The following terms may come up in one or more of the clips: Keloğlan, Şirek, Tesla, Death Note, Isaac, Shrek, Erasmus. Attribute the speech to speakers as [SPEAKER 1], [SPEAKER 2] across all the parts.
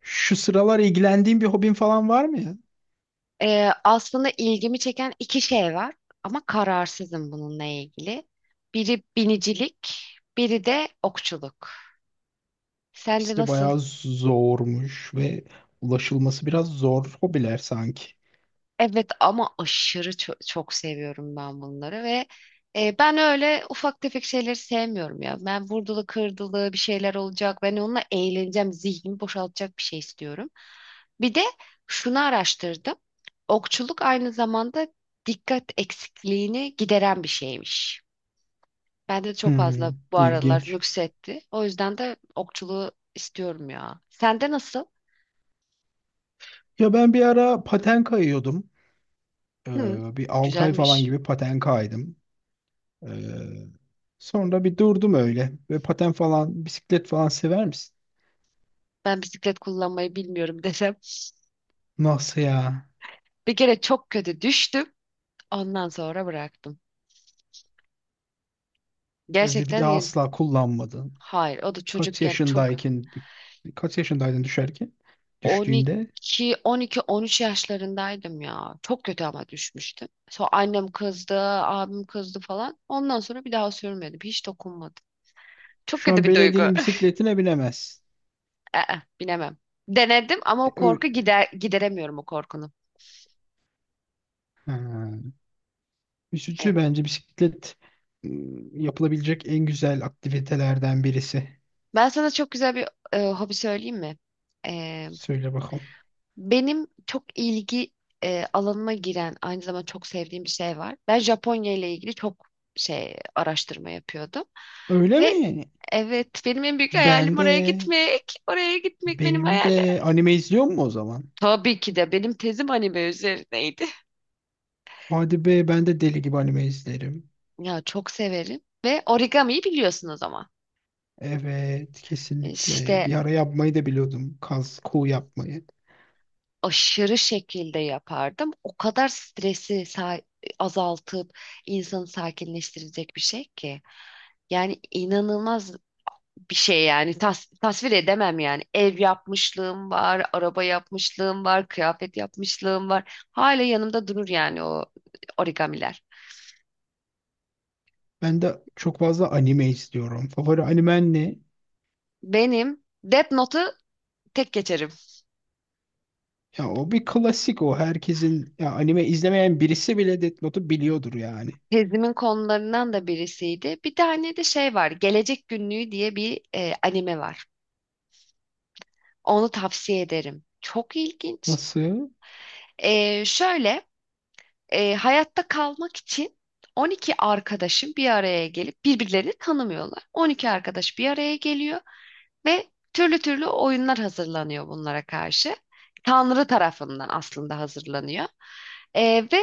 [SPEAKER 1] Şu sıralar ilgilendiğin bir hobin falan var mı ya?
[SPEAKER 2] Aslında ilgimi çeken iki şey var ama kararsızım bununla ilgili. Biri binicilik, biri de okçuluk. Sence
[SPEAKER 1] İkisi de
[SPEAKER 2] nasıl?
[SPEAKER 1] bayağı zormuş ve ulaşılması biraz zor hobiler sanki.
[SPEAKER 2] Evet, ama aşırı çok seviyorum ben bunları ve ben öyle ufak tefek şeyleri sevmiyorum ya. Ben vurdulu kırdılı bir şeyler olacak. Ben onunla eğleneceğim, zihnimi boşaltacak bir şey istiyorum. Bir de şunu araştırdım. Okçuluk aynı zamanda dikkat eksikliğini gideren bir şeymiş. Bende de çok fazla
[SPEAKER 1] Hmm,
[SPEAKER 2] bu aralar
[SPEAKER 1] ilginç.
[SPEAKER 2] nüksetti. O yüzden de okçuluğu istiyorum ya. Sende nasıl?
[SPEAKER 1] Ya ben bir ara paten kayıyordum.
[SPEAKER 2] Hı,
[SPEAKER 1] Bir 6 ay falan
[SPEAKER 2] güzelmiş.
[SPEAKER 1] gibi paten kaydım. Ee, Sonra bir durdum öyle. Ve paten falan, bisiklet falan sever misin?
[SPEAKER 2] Ben bisiklet kullanmayı bilmiyorum desem.
[SPEAKER 1] Nasıl ya?
[SPEAKER 2] Bir kere çok kötü düştüm. Ondan sonra bıraktım.
[SPEAKER 1] Ve bir
[SPEAKER 2] Gerçekten
[SPEAKER 1] daha
[SPEAKER 2] ya-
[SPEAKER 1] asla kullanmadın.
[SPEAKER 2] hayır, o da
[SPEAKER 1] Kaç
[SPEAKER 2] çocukken çok.
[SPEAKER 1] yaşındayken, kaç yaşındaydın düşerken? Düştüğünde.
[SPEAKER 2] 12. 12, 13 yaşlarındaydım ya. Çok kötü ama düşmüştüm. Sonra annem kızdı, abim kızdı falan. Ondan sonra bir daha sürmedim. Hiç dokunmadım. Çok
[SPEAKER 1] Şu
[SPEAKER 2] kötü
[SPEAKER 1] an
[SPEAKER 2] bir duygu.
[SPEAKER 1] belediyenin bisikletine binemezsin.
[SPEAKER 2] Aa, binemem. Denedim ama o korku
[SPEAKER 1] Öyle.
[SPEAKER 2] gider gideremiyorum o korkunu.
[SPEAKER 1] Ha. Üzücü
[SPEAKER 2] Evet.
[SPEAKER 1] bence bisiklet yapılabilecek en güzel aktivitelerden birisi.
[SPEAKER 2] Ben sana çok güzel bir hobi söyleyeyim mi? E,
[SPEAKER 1] Söyle bakalım.
[SPEAKER 2] Benim çok ilgi alanıma giren aynı zamanda çok sevdiğim bir şey var. Ben Japonya ile ilgili çok şey araştırma yapıyordum
[SPEAKER 1] Öyle
[SPEAKER 2] ve
[SPEAKER 1] mi?
[SPEAKER 2] evet, benim en büyük
[SPEAKER 1] Ben
[SPEAKER 2] hayalim
[SPEAKER 1] de
[SPEAKER 2] oraya gitmek. Oraya gitmek benim
[SPEAKER 1] benim
[SPEAKER 2] hayalim.
[SPEAKER 1] de anime izliyor mu o zaman?
[SPEAKER 2] Tabii ki de benim tezim anime üzerineydi.
[SPEAKER 1] Hadi be ben de deli gibi anime izlerim.
[SPEAKER 2] Ya çok severim ve origamiyi biliyorsunuz ama.
[SPEAKER 1] Evet, kesinlikle.
[SPEAKER 2] İşte
[SPEAKER 1] Bir ara yapmayı da biliyordum. Kaz, kuğu yapmayı.
[SPEAKER 2] aşırı şekilde yapardım. O kadar stresi azaltıp insanı sakinleştirecek bir şey ki. Yani inanılmaz bir şey yani, tasvir edemem yani. Ev yapmışlığım var, araba yapmışlığım var, kıyafet yapmışlığım var. Hala yanımda durur yani o origamiler.
[SPEAKER 1] Ben de çok fazla anime izliyorum. Favori animen ne?
[SPEAKER 2] Benim Death Note'u tek geçerim.
[SPEAKER 1] Ya o bir klasik o. Herkesin, ya anime izlemeyen birisi bile Death Note'u biliyordur yani.
[SPEAKER 2] Tezimin konularından da birisiydi. Bir tane de şey var. Gelecek Günlüğü diye bir anime var. Onu tavsiye ederim. Çok ilginç.
[SPEAKER 1] Nasıl?
[SPEAKER 2] Şöyle, hayatta kalmak için 12 arkadaşın bir araya gelip birbirlerini tanımıyorlar. 12 arkadaş bir araya geliyor ve türlü türlü oyunlar hazırlanıyor bunlara karşı. Tanrı tarafından aslında hazırlanıyor. Ve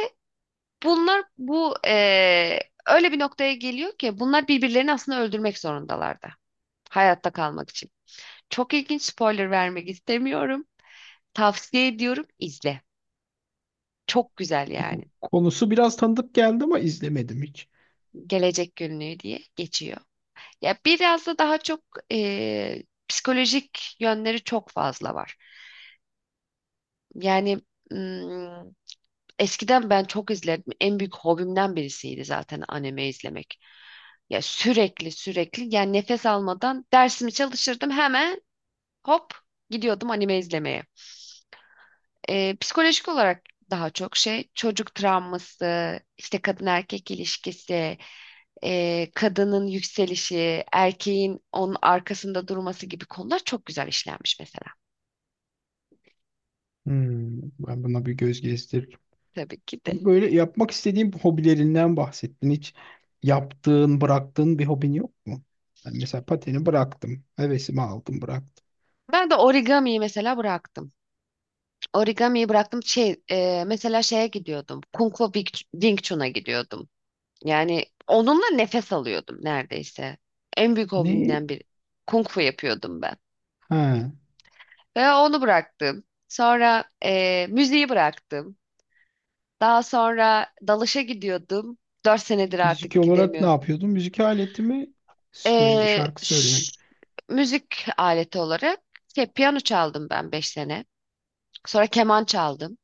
[SPEAKER 2] bunlar bu öyle bir noktaya geliyor ki bunlar birbirlerini aslında öldürmek zorundalar da hayatta kalmak için. Çok ilginç, spoiler vermek istemiyorum. Tavsiye ediyorum, izle. Çok güzel yani.
[SPEAKER 1] Konusu biraz tanıdık geldi ama izlemedim hiç.
[SPEAKER 2] Gelecek günlüğü diye geçiyor. Ya biraz da daha çok psikolojik yönleri çok fazla var. Yani mm, eskiden ben çok izledim. En büyük hobimden birisiydi zaten anime izlemek. Ya sürekli sürekli yani nefes almadan dersimi çalışırdım, hemen hop gidiyordum anime izlemeye. Psikolojik olarak daha çok şey çocuk travması, işte kadın erkek ilişkisi, kadının yükselişi, erkeğin onun arkasında durması gibi konular çok güzel işlenmiş mesela.
[SPEAKER 1] Hmm, ben buna bir göz gezdiririm.
[SPEAKER 2] Tabii ki de.
[SPEAKER 1] Ama böyle yapmak istediğim hobilerinden bahsettin. Hiç yaptığın, bıraktığın bir hobin yok mu? Ben mesela pateni bıraktım. Hevesimi aldım, bıraktım.
[SPEAKER 2] Ben de origamiyi mesela bıraktım. Origamiyi bıraktım. Şey, mesela şeye gidiyordum. Kung Fu Wing Chun'a gidiyordum. Yani onunla nefes alıyordum neredeyse. En büyük
[SPEAKER 1] Neyi?
[SPEAKER 2] hobimden biri. Kung Fu yapıyordum ben.
[SPEAKER 1] Ha,
[SPEAKER 2] Ve onu bıraktım. Sonra müziği bıraktım. Daha sonra dalışa gidiyordum. 4 senedir
[SPEAKER 1] müzik
[SPEAKER 2] artık
[SPEAKER 1] olarak ne
[SPEAKER 2] gidemiyorum.
[SPEAKER 1] yapıyordum? Müzik aletimi söyle,
[SPEAKER 2] Ee,
[SPEAKER 1] şarkı söylemek.
[SPEAKER 2] ş- Müzik aleti olarak şey, piyano çaldım ben 5 sene. Sonra keman çaldım.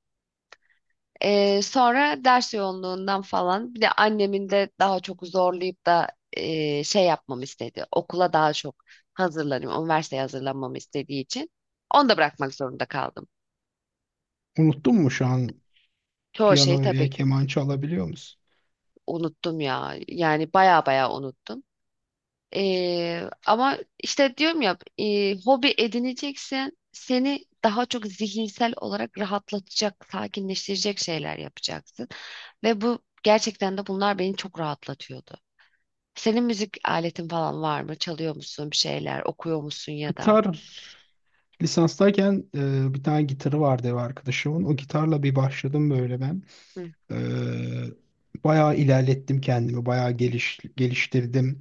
[SPEAKER 2] Sonra ders yoğunluğundan falan, bir de annemin de daha çok zorlayıp da şey yapmamı istedi. Okula daha çok hazırlanayım, üniversiteye hazırlanmamı istediği için onu da bırakmak zorunda kaldım.
[SPEAKER 1] Unuttun mu şu an
[SPEAKER 2] Çoğu şeyi
[SPEAKER 1] piyano ya
[SPEAKER 2] tabii ki
[SPEAKER 1] keman çalabiliyor musun?
[SPEAKER 2] unuttum ya. Yani baya baya unuttum. Ama işte diyorum ya, hobi edineceksen seni daha çok zihinsel olarak rahatlatacak, sakinleştirecek şeyler yapacaksın. Ve bu gerçekten de bunlar beni çok rahatlatıyordu. Senin müzik aletin falan var mı? Çalıyor musun bir şeyler? Okuyor musun ya da?
[SPEAKER 1] Gitar lisanstayken bir tane gitarı vardı ev arkadaşımın. O gitarla bir başladım böyle ben.
[SPEAKER 2] Hı.
[SPEAKER 1] Bayağı ilerlettim kendimi, bayağı geliştirdim.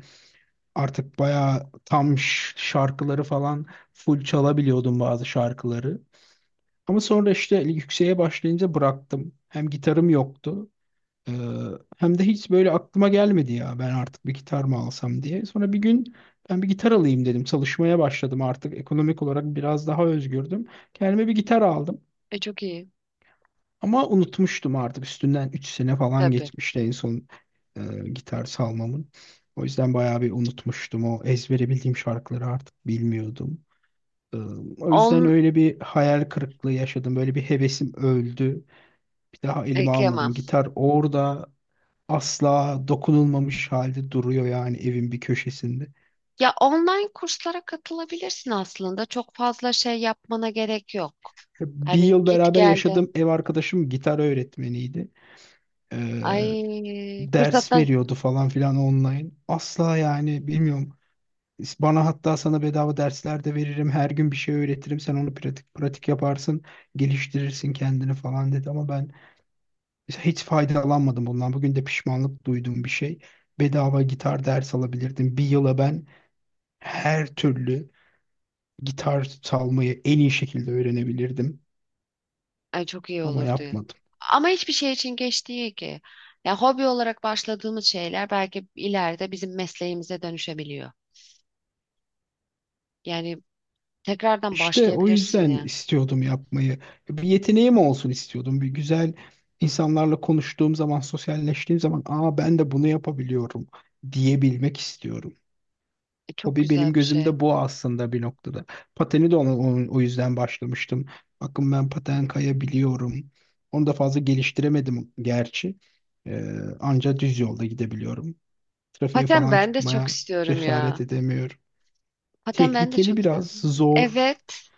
[SPEAKER 1] Artık bayağı tam şarkıları falan full çalabiliyordum bazı şarkıları. Ama sonra işte yükseğe başlayınca bıraktım. Hem gitarım yoktu, ee, hem de hiç böyle aklıma gelmedi ya ben artık bir gitar mı alsam diye. Sonra bir gün ben bir gitar alayım dedim. Çalışmaya başladım, artık ekonomik olarak biraz daha özgürdüm. Kendime bir gitar aldım.
[SPEAKER 2] E, çok iyi.
[SPEAKER 1] Ama unutmuştum, artık üstünden 3 sene falan
[SPEAKER 2] Tabii.
[SPEAKER 1] geçmişti en son e, gitar salmamın. O yüzden bayağı bir unutmuştum. O ezbere bildiğim şarkıları artık bilmiyordum. E, O yüzden
[SPEAKER 2] On,
[SPEAKER 1] öyle bir hayal kırıklığı yaşadım. Böyle bir hevesim öldü. Bir daha elime
[SPEAKER 2] Kıyamam.
[SPEAKER 1] almadım. Gitar orada asla dokunulmamış halde duruyor yani evin bir köşesinde.
[SPEAKER 2] Ya online kurslara katılabilirsin aslında. Çok fazla şey yapmana gerek yok.
[SPEAKER 1] E, Bir
[SPEAKER 2] Hani
[SPEAKER 1] yıl
[SPEAKER 2] git
[SPEAKER 1] beraber yaşadığım
[SPEAKER 2] geldim.
[SPEAKER 1] ev arkadaşım gitar öğretmeniydi. E,
[SPEAKER 2] Ay
[SPEAKER 1] Ders
[SPEAKER 2] fırsattan
[SPEAKER 1] veriyordu falan filan online. Asla yani bilmiyorum. Bana hatta, sana bedava dersler de veririm. Her gün bir şey öğretirim. Sen onu pratik pratik yaparsın. Geliştirirsin kendini falan dedi. Ama ben hiç faydalanmadım bundan. Bugün de pişmanlık duyduğum bir şey. Bedava gitar ders alabilirdim. Bir yıla ben her türlü gitar çalmayı en iyi şekilde öğrenebilirdim.
[SPEAKER 2] Ay, çok iyi
[SPEAKER 1] Ama
[SPEAKER 2] olurdu.
[SPEAKER 1] yapmadım.
[SPEAKER 2] Ama hiçbir şey için geç değil ki. Ya hobi olarak başladığımız şeyler belki ileride bizim mesleğimize dönüşebiliyor. Yani tekrardan
[SPEAKER 1] İşte o
[SPEAKER 2] başlayabilirsin
[SPEAKER 1] yüzden
[SPEAKER 2] ya.
[SPEAKER 1] istiyordum yapmayı. Bir yeteneğim olsun istiyordum. Bir güzel, insanlarla konuştuğum zaman, sosyalleştiğim zaman, aa ben de bunu yapabiliyorum diyebilmek istiyorum.
[SPEAKER 2] Çok
[SPEAKER 1] Hobi benim
[SPEAKER 2] güzel bir şey.
[SPEAKER 1] gözümde bu aslında bir noktada. Pateni de ona, o yüzden başlamıştım. Bakın ben paten kayabiliyorum. Onu da fazla geliştiremedim gerçi. Ee, Anca düz yolda gidebiliyorum. Trafiğe
[SPEAKER 2] Paten
[SPEAKER 1] falan
[SPEAKER 2] ben de çok
[SPEAKER 1] çıkmaya
[SPEAKER 2] istiyorum
[SPEAKER 1] cesaret
[SPEAKER 2] ya.
[SPEAKER 1] edemiyorum.
[SPEAKER 2] Paten ben de
[SPEAKER 1] Tehlikeli
[SPEAKER 2] çok
[SPEAKER 1] biraz,
[SPEAKER 2] istiyorum.
[SPEAKER 1] zor.
[SPEAKER 2] Evet.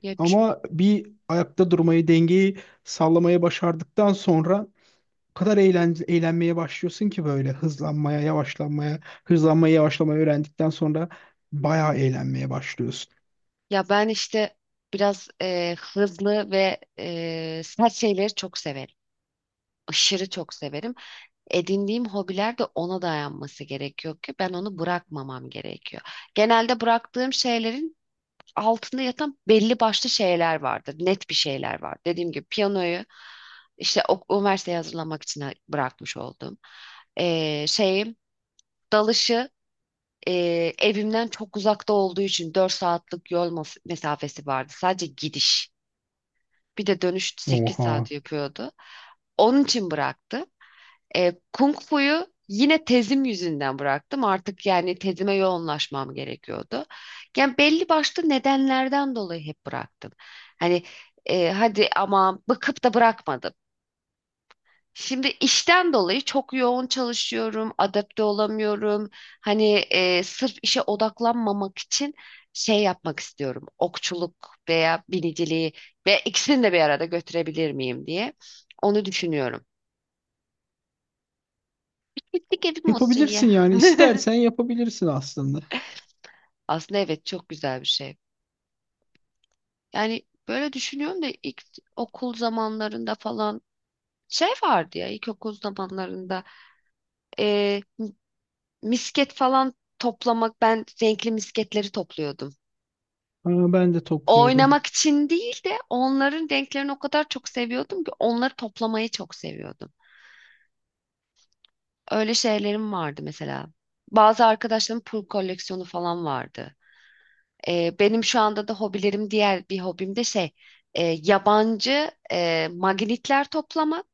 [SPEAKER 2] Ya, ç-
[SPEAKER 1] Ama bir ayakta durmayı, dengeyi sallamayı başardıktan sonra o kadar eğlenmeye başlıyorsun ki böyle hızlanmaya, yavaşlanmaya, hızlanmayı, yavaşlamayı öğrendikten sonra bayağı eğlenmeye başlıyorsun.
[SPEAKER 2] Ya, ben işte biraz hızlı ve sert şeyleri çok severim. Aşırı çok severim. Edindiğim hobiler de ona dayanması gerekiyor ki ben onu bırakmamam gerekiyor. Genelde bıraktığım şeylerin altında yatan belli başlı şeyler vardır. Net bir şeyler var. Dediğim gibi piyanoyu işte üniversiteye hazırlamak için bırakmış oldum. Şeyim, dalışı, e, evimden çok uzakta olduğu için 4 saatlik yol mesafesi vardı. Sadece gidiş. Bir de dönüş sekiz
[SPEAKER 1] Oha.
[SPEAKER 2] saat yapıyordu. Onun için bıraktım. Kung Fu'yu yine tezim yüzünden bıraktım. Artık yani tezime yoğunlaşmam gerekiyordu. Yani belli başlı nedenlerden dolayı hep bıraktım. Hani, hadi ama bıkıp da bırakmadım. Şimdi işten dolayı çok yoğun çalışıyorum, adapte olamıyorum. Hani, sırf işe odaklanmamak için şey yapmak istiyorum. Okçuluk veya biniciliği, ve ikisini de bir arada götürebilir miyim diye onu düşünüyorum. Gittik evim olsun ya.
[SPEAKER 1] Yapabilirsin yani, istersen yapabilirsin aslında.
[SPEAKER 2] Aslında evet, çok güzel bir şey. Yani böyle düşünüyorum da ilk okul zamanlarında falan şey vardı ya, ilkokul zamanlarında e, misket falan toplamak, ben renkli misketleri topluyordum.
[SPEAKER 1] Aa, ben de topluyordum.
[SPEAKER 2] Oynamak için değil de onların renklerini o kadar çok seviyordum ki onları toplamayı çok seviyordum. Öyle şeylerim vardı mesela. Bazı arkadaşlarımın pul koleksiyonu falan vardı. Benim şu anda da hobilerim, diğer bir hobim de şey, yabancı magnetler toplamak.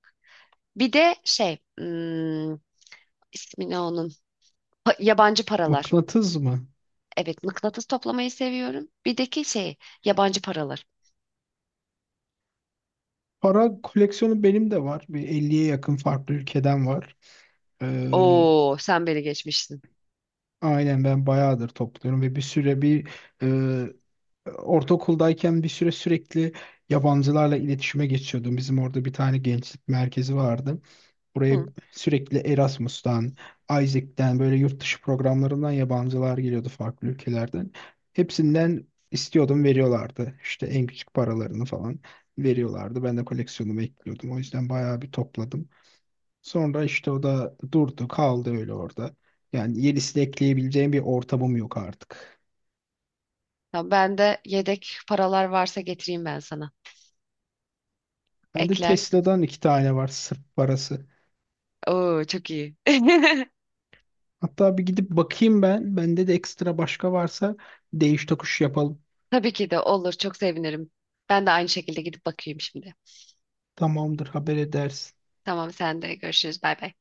[SPEAKER 2] Bir de şey, ismi ne onun? Yabancı paralar.
[SPEAKER 1] Mıknatıs mı?
[SPEAKER 2] Evet, mıknatıs toplamayı seviyorum. Bir de ki şey, yabancı paralar.
[SPEAKER 1] Para koleksiyonu benim de var. Bir 50'ye yakın farklı ülkeden var. Ee,
[SPEAKER 2] Oo, sen beni geçmişsin.
[SPEAKER 1] aynen, ben bayağıdır topluyorum ve bir süre e, ortaokuldayken bir süre sürekli yabancılarla iletişime geçiyordum. Bizim orada bir tane gençlik merkezi vardı. Buraya
[SPEAKER 2] Hı.
[SPEAKER 1] sürekli Erasmus'tan, Isaac'ten böyle yurt dışı programlarından yabancılar geliyordu farklı ülkelerden. Hepsinden istiyordum, veriyorlardı. İşte en küçük paralarını falan veriyorlardı. Ben de koleksiyonumu ekliyordum. O yüzden bayağı bir topladım. Sonra işte o da durdu kaldı öyle orada. Yani yenisi de ekleyebileceğim bir ortamım yok artık.
[SPEAKER 2] Tamam, ben de yedek paralar varsa getireyim ben sana.
[SPEAKER 1] Bende
[SPEAKER 2] Eklersin.
[SPEAKER 1] Tesla'dan iki tane var sırf parası.
[SPEAKER 2] Oo, çok iyi.
[SPEAKER 1] Hatta bir gidip bakayım ben. Bende de ekstra başka varsa değiş tokuş yapalım.
[SPEAKER 2] Tabii ki de olur, çok sevinirim. Ben de aynı şekilde gidip bakayım şimdi.
[SPEAKER 1] Tamamdır, haber edersin.
[SPEAKER 2] Tamam, sen de görüşürüz, bay bay.